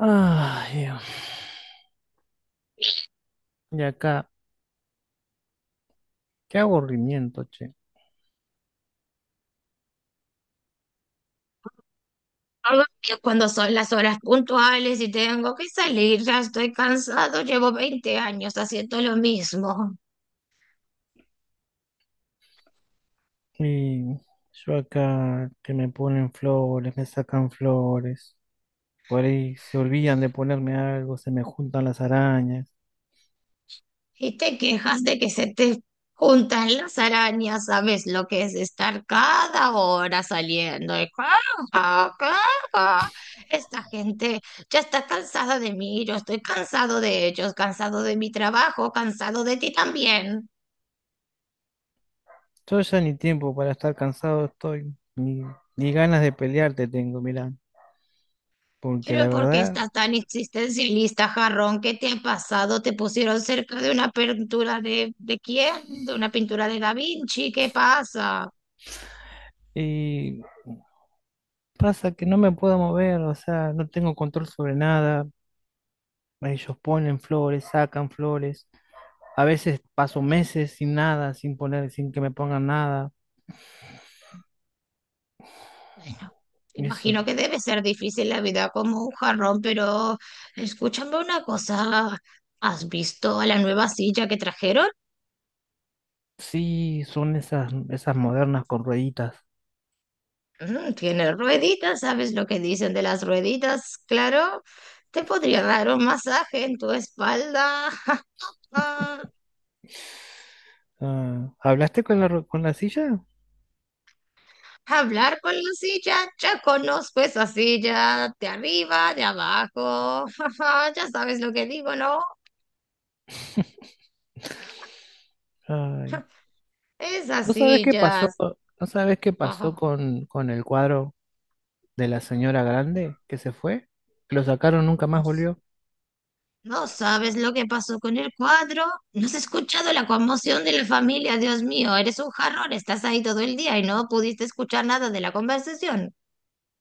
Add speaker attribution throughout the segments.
Speaker 1: Ay, y acá, qué aburrimiento, che.
Speaker 2: Algo que cuando son las horas puntuales y tengo que salir, ya estoy cansado, llevo 20 años haciendo lo mismo
Speaker 1: Y yo acá que me ponen flores, me sacan flores, por ahí se olvidan de ponerme algo, se me juntan las arañas.
Speaker 2: y te quejas de que se te juntan las arañas, ¿sabes lo que es estar cada hora saliendo? Y caja, caja. Esta gente ya está cansada de mí, yo estoy cansado de ellos, cansado de mi trabajo, cansado de ti también.
Speaker 1: Yo ya ni tiempo para estar cansado estoy, ni ganas de pelearte tengo, mirá, porque la
Speaker 2: Pero ¿por qué
Speaker 1: verdad,
Speaker 2: estás tan existencialista, jarrón? ¿Qué te ha pasado? ¿Te pusieron cerca de una pintura de quién? ¿De una pintura de Da Vinci? ¿Qué pasa?
Speaker 1: y pasa que no me puedo mover, o sea, no tengo control sobre nada. Ellos ponen flores, sacan flores. A veces paso meses sin nada, sin poner, sin que me pongan nada.
Speaker 2: Bueno,
Speaker 1: Eso,
Speaker 2: imagino que debe ser difícil la vida como un jarrón, pero escúchame una cosa. ¿Has visto a la nueva silla que trajeron?
Speaker 1: sí, son esas modernas con rueditas.
Speaker 2: Mm, tiene rueditas, ¿sabes lo que dicen de las rueditas? Claro, te podría dar un masaje en tu espalda.
Speaker 1: Ah, ¿hablaste con con la silla?
Speaker 2: Hablar con la silla, ya conozco esa silla, de arriba, de abajo, jaja, ya sabes lo que digo, ¿no?
Speaker 1: Ay,
Speaker 2: Esas
Speaker 1: ¿no sabes qué pasó?
Speaker 2: sillas.
Speaker 1: ¿No sabes qué pasó
Speaker 2: Ah,
Speaker 1: con el cuadro de la señora grande que se fue? Lo sacaron, nunca
Speaker 2: no,
Speaker 1: más volvió.
Speaker 2: no sabes lo que pasó con el cuadro. No has escuchado la conmoción de la familia, Dios mío, eres un jarrón, estás ahí todo el día y no pudiste escuchar nada de la conversación.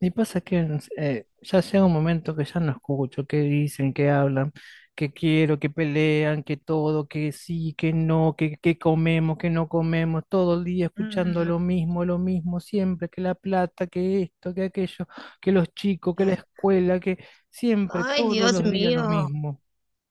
Speaker 1: Y pasa que no sé, ya llega un momento que ya no escucho qué dicen, qué hablan, qué quiero, qué pelean, qué todo, qué sí, qué no, qué comemos, qué no comemos, todo el día escuchando
Speaker 2: Mm.
Speaker 1: lo mismo, siempre, que la plata, que esto, que aquello, que los chicos, que la escuela, que siempre,
Speaker 2: Ay,
Speaker 1: todos
Speaker 2: Dios
Speaker 1: los días lo
Speaker 2: mío.
Speaker 1: mismo.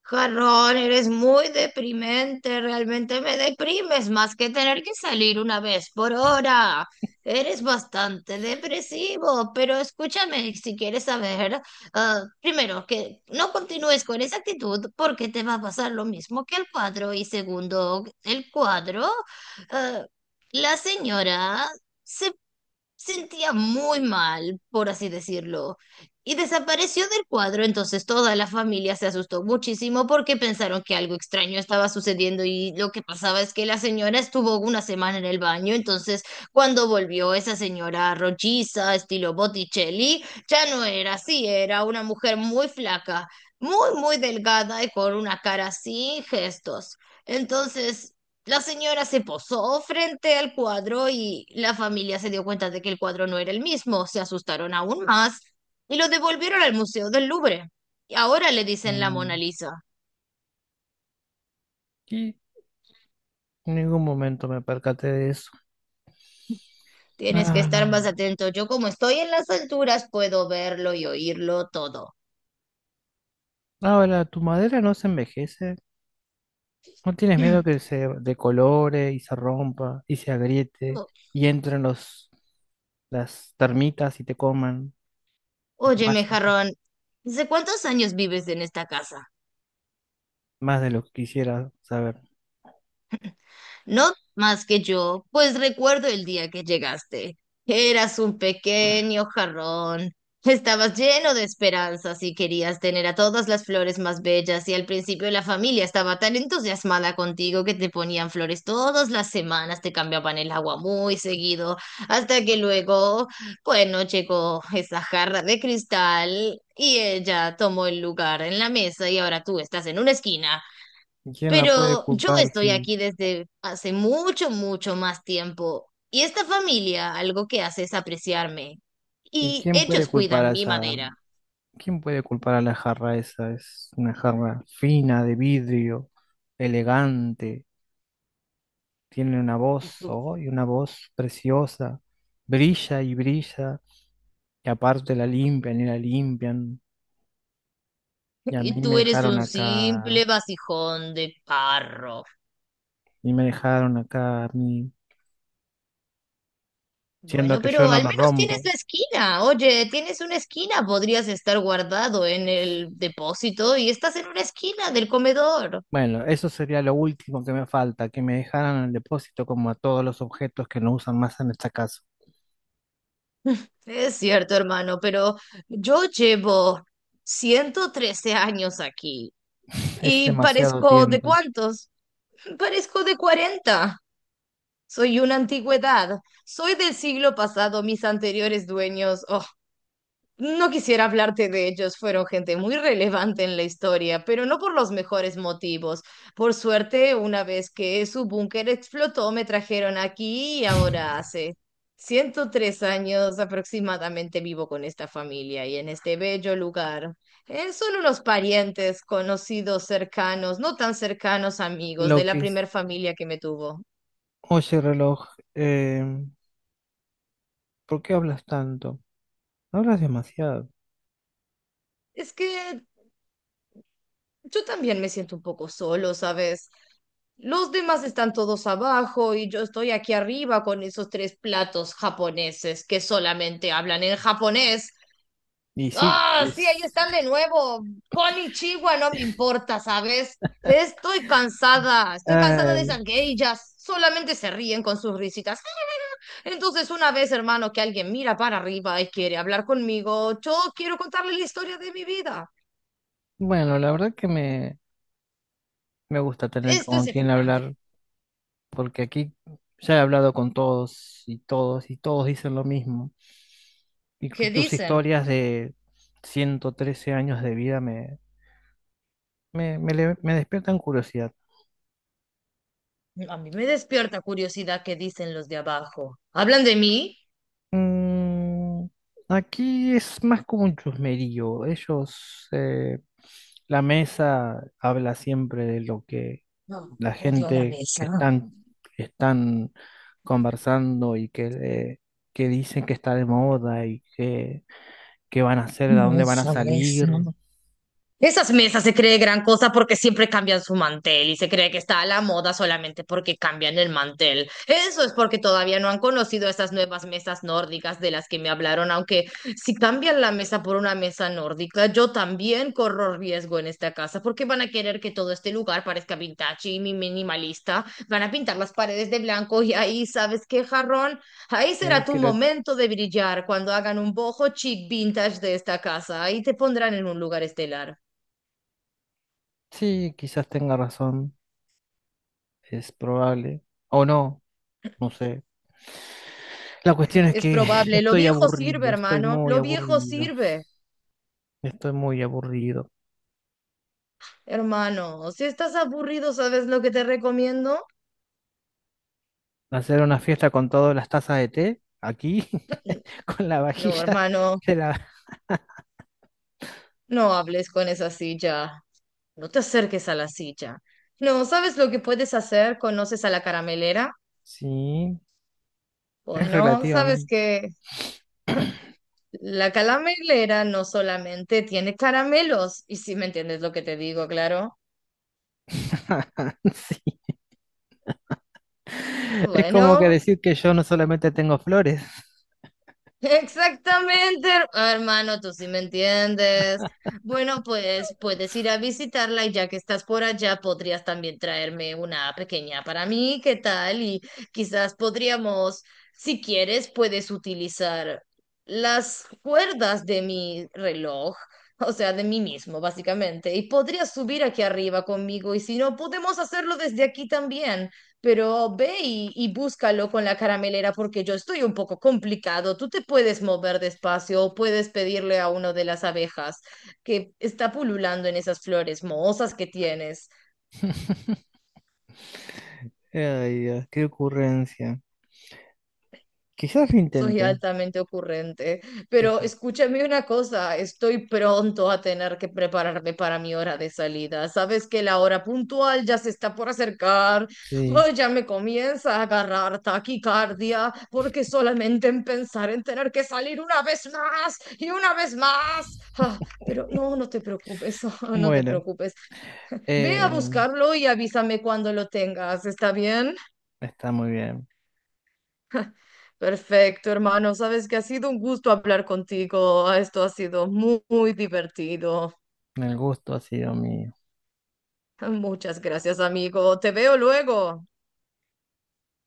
Speaker 2: Jarrón, eres muy deprimente, realmente me deprimes más que tener que salir una vez por hora. Eres bastante depresivo, pero escúchame si quieres saber, ah, primero, que no continúes con esa actitud porque te va a pasar lo mismo que el cuadro. Y segundo, el cuadro, ah, la señora se sentía muy mal, por así decirlo, y desapareció del cuadro, entonces toda la familia se asustó muchísimo porque pensaron que algo extraño estaba sucediendo y lo que pasaba es que la señora estuvo una semana en el baño, entonces cuando volvió esa señora rolliza, estilo Botticelli, ya no era así, era una mujer muy flaca, muy, muy delgada y con una cara sin gestos. Entonces... La señora se posó frente al cuadro y la familia se dio cuenta de que el cuadro no era el mismo, se asustaron aún más y lo devolvieron al Museo del Louvre. Y ahora le dicen la Mona
Speaker 1: Mm.
Speaker 2: Lisa.
Speaker 1: Y en ningún momento me percaté de eso.
Speaker 2: Tienes que estar más
Speaker 1: Ah,
Speaker 2: atento. Yo como estoy en las alturas puedo verlo y oírlo todo.
Speaker 1: ahora, tu madera no se envejece. ¿No tienes miedo que se decolore y se rompa y se agriete
Speaker 2: O-
Speaker 1: y entren las termitas y te coman y te
Speaker 2: Óyeme,
Speaker 1: vayan?
Speaker 2: jarrón, ¿desde cuántos años vives en esta casa?
Speaker 1: ¿Más de lo que quisiera saber?
Speaker 2: No más que yo, pues recuerdo el día que llegaste. Eras un pequeño jarrón. Estabas lleno de esperanzas y querías tener a todas las flores más bellas y al principio la familia estaba tan entusiasmada contigo que te ponían flores todas las semanas, te cambiaban el agua muy seguido, hasta que luego, bueno, llegó esa jarra de cristal y ella tomó el lugar en la mesa y ahora tú estás en una esquina
Speaker 1: ¿Y quién la puede
Speaker 2: pero yo
Speaker 1: culpar?
Speaker 2: estoy
Speaker 1: Sí.
Speaker 2: aquí desde hace mucho, mucho más tiempo y esta familia algo que hace es apreciarme
Speaker 1: ¿Y
Speaker 2: y
Speaker 1: quién puede
Speaker 2: ellos
Speaker 1: culpar a
Speaker 2: cuidan mi
Speaker 1: esa?
Speaker 2: madera
Speaker 1: ¿Quién puede culpar a la jarra esa? Es una jarra fina, de vidrio, elegante, tiene una
Speaker 2: y
Speaker 1: voz,
Speaker 2: tú,
Speaker 1: oh, y una voz preciosa, brilla y brilla, y aparte la limpian. Y a
Speaker 2: y
Speaker 1: mí me
Speaker 2: tú eres
Speaker 1: dejaron
Speaker 2: un
Speaker 1: acá
Speaker 2: simple vasijón de carro.
Speaker 1: y me dejaron acá a mí, siendo
Speaker 2: Bueno,
Speaker 1: que
Speaker 2: pero
Speaker 1: yo no
Speaker 2: al
Speaker 1: me
Speaker 2: menos tienes
Speaker 1: rompo.
Speaker 2: la esquina. Oye, tienes una esquina, podrías estar guardado en el depósito y estás en una esquina del comedor.
Speaker 1: Bueno, eso sería lo último que me falta, que me dejaran en el depósito como a todos los objetos que no usan más en esta casa.
Speaker 2: Es cierto, hermano, pero yo llevo 113 años aquí.
Speaker 1: Es
Speaker 2: ¿Y
Speaker 1: demasiado
Speaker 2: parezco de
Speaker 1: tiempo.
Speaker 2: cuántos? Parezco de 40. Soy una antigüedad. Soy del siglo pasado. Mis anteriores dueños. Oh. No quisiera hablarte de ellos, fueron gente muy relevante en la historia, pero no por los mejores motivos. Por suerte, una vez que su búnker explotó, me trajeron aquí y ahora hace 103 años aproximadamente vivo con esta familia y en este bello lugar. Son unos parientes, conocidos, cercanos, no tan cercanos, amigos de
Speaker 1: Lo
Speaker 2: la
Speaker 1: que es...
Speaker 2: primer familia que me tuvo.
Speaker 1: Oye, reloj, eh, ¿por qué hablas tanto? Hablas demasiado.
Speaker 2: Es que yo también me siento un poco solo, ¿sabes? Los demás están todos abajo y yo estoy aquí arriba con esos tres platos japoneses que solamente hablan en japonés.
Speaker 1: Y sí,
Speaker 2: ¡Ah! Sí, ahí
Speaker 1: es...
Speaker 2: están de nuevo. Konnichiwa, no me importa, ¿sabes? Estoy cansada de
Speaker 1: Ay,
Speaker 2: esas geishas. Solamente se ríen con sus risitas. Entonces, una vez, hermano, que alguien mira para arriba y quiere hablar conmigo, yo quiero contarle la historia de mi vida.
Speaker 1: bueno, la verdad que me gusta tener
Speaker 2: Esto
Speaker 1: con
Speaker 2: es
Speaker 1: quien
Speaker 2: excitante.
Speaker 1: hablar porque aquí ya he hablado con todos y todos y todos dicen lo mismo. Y, cu-
Speaker 2: ¿Qué
Speaker 1: tus
Speaker 2: dicen?
Speaker 1: historias de 113 años de vida me despiertan curiosidad.
Speaker 2: A mí me despierta curiosidad qué dicen los de abajo. ¿Hablan de mí?
Speaker 1: Mm, aquí es más como un chusmerío. Ellos, la mesa habla siempre de lo que
Speaker 2: No,
Speaker 1: la
Speaker 2: odio la
Speaker 1: gente
Speaker 2: mesa.
Speaker 1: que están conversando y que dicen que está de moda y que qué van a hacer, a
Speaker 2: No,
Speaker 1: dónde van a
Speaker 2: esa mesa.
Speaker 1: salir.
Speaker 2: Esas mesas se cree gran cosa porque siempre cambian su mantel y se cree que está a la moda solamente porque cambian el mantel. Eso es porque todavía no han conocido esas nuevas mesas nórdicas de las que me hablaron, aunque si cambian la mesa por una mesa nórdica, yo también corro riesgo en esta casa porque van a querer que todo este lugar parezca vintage y minimalista. Van a pintar las paredes de blanco y ahí, ¿sabes qué, jarrón? Ahí será tu
Speaker 1: Creo que
Speaker 2: momento de brillar cuando hagan un bojo chic vintage de esta casa. Ahí te pondrán en un lugar estelar.
Speaker 1: sí, quizás tenga razón, es probable. O no, no sé. La cuestión es
Speaker 2: Es
Speaker 1: que
Speaker 2: probable, lo
Speaker 1: estoy
Speaker 2: viejo sirve,
Speaker 1: aburrido, estoy
Speaker 2: hermano,
Speaker 1: muy
Speaker 2: lo viejo
Speaker 1: aburrido,
Speaker 2: sirve,
Speaker 1: estoy muy aburrido.
Speaker 2: hermano. Si estás aburrido, ¿sabes lo que te recomiendo?
Speaker 1: Hacer una fiesta con todas las tazas de té, aquí, con la
Speaker 2: No,
Speaker 1: vajilla
Speaker 2: hermano,
Speaker 1: de la...
Speaker 2: no hables con esa silla, no te acerques a la silla. No, ¿sabes lo que puedes hacer? ¿Conoces a la caramelera?
Speaker 1: Sí, es
Speaker 2: Bueno, sabes
Speaker 1: relativamente...
Speaker 2: que la caramelera no solamente tiene caramelos, y si me entiendes lo que te digo, claro.
Speaker 1: Sí, es como que
Speaker 2: Bueno,
Speaker 1: decir que yo no solamente tengo flores.
Speaker 2: exactamente, hermano, tú sí me entiendes. Bueno, pues puedes ir a visitarla y ya que estás por allá, podrías también traerme una pequeña para mí, ¿qué tal? Y quizás podríamos, si quieres, puedes utilizar las cuerdas de mi reloj, o sea, de mí mismo, básicamente, y podrías subir aquí arriba conmigo y si no, podemos hacerlo desde aquí también pero ve y búscalo con la caramelera porque yo estoy un poco complicado. Tú te puedes mover despacio o puedes pedirle a uno de las abejas que está pululando en esas flores mohosas que tienes.
Speaker 1: Ay, Dios, qué ocurrencia. Quizás lo
Speaker 2: Soy
Speaker 1: intente.
Speaker 2: altamente ocurrente, pero
Speaker 1: Quizás.
Speaker 2: escúchame una cosa, estoy pronto a tener que prepararme para mi hora de salida. Sabes que la hora puntual ya se está por acercar.
Speaker 1: Sí.
Speaker 2: Ay, ya me comienza a agarrar taquicardia porque solamente en pensar en tener que salir una vez más y una vez más. Ah, pero no, no te preocupes, no te
Speaker 1: Bueno,
Speaker 2: preocupes. Ve a
Speaker 1: eh,
Speaker 2: buscarlo y avísame cuando lo tengas, ¿está bien?
Speaker 1: está muy bien.
Speaker 2: Perfecto, hermano. Sabes que ha sido un gusto hablar contigo. Esto ha sido muy, muy divertido.
Speaker 1: El gusto ha sido mío.
Speaker 2: Muchas gracias, amigo. Te veo luego.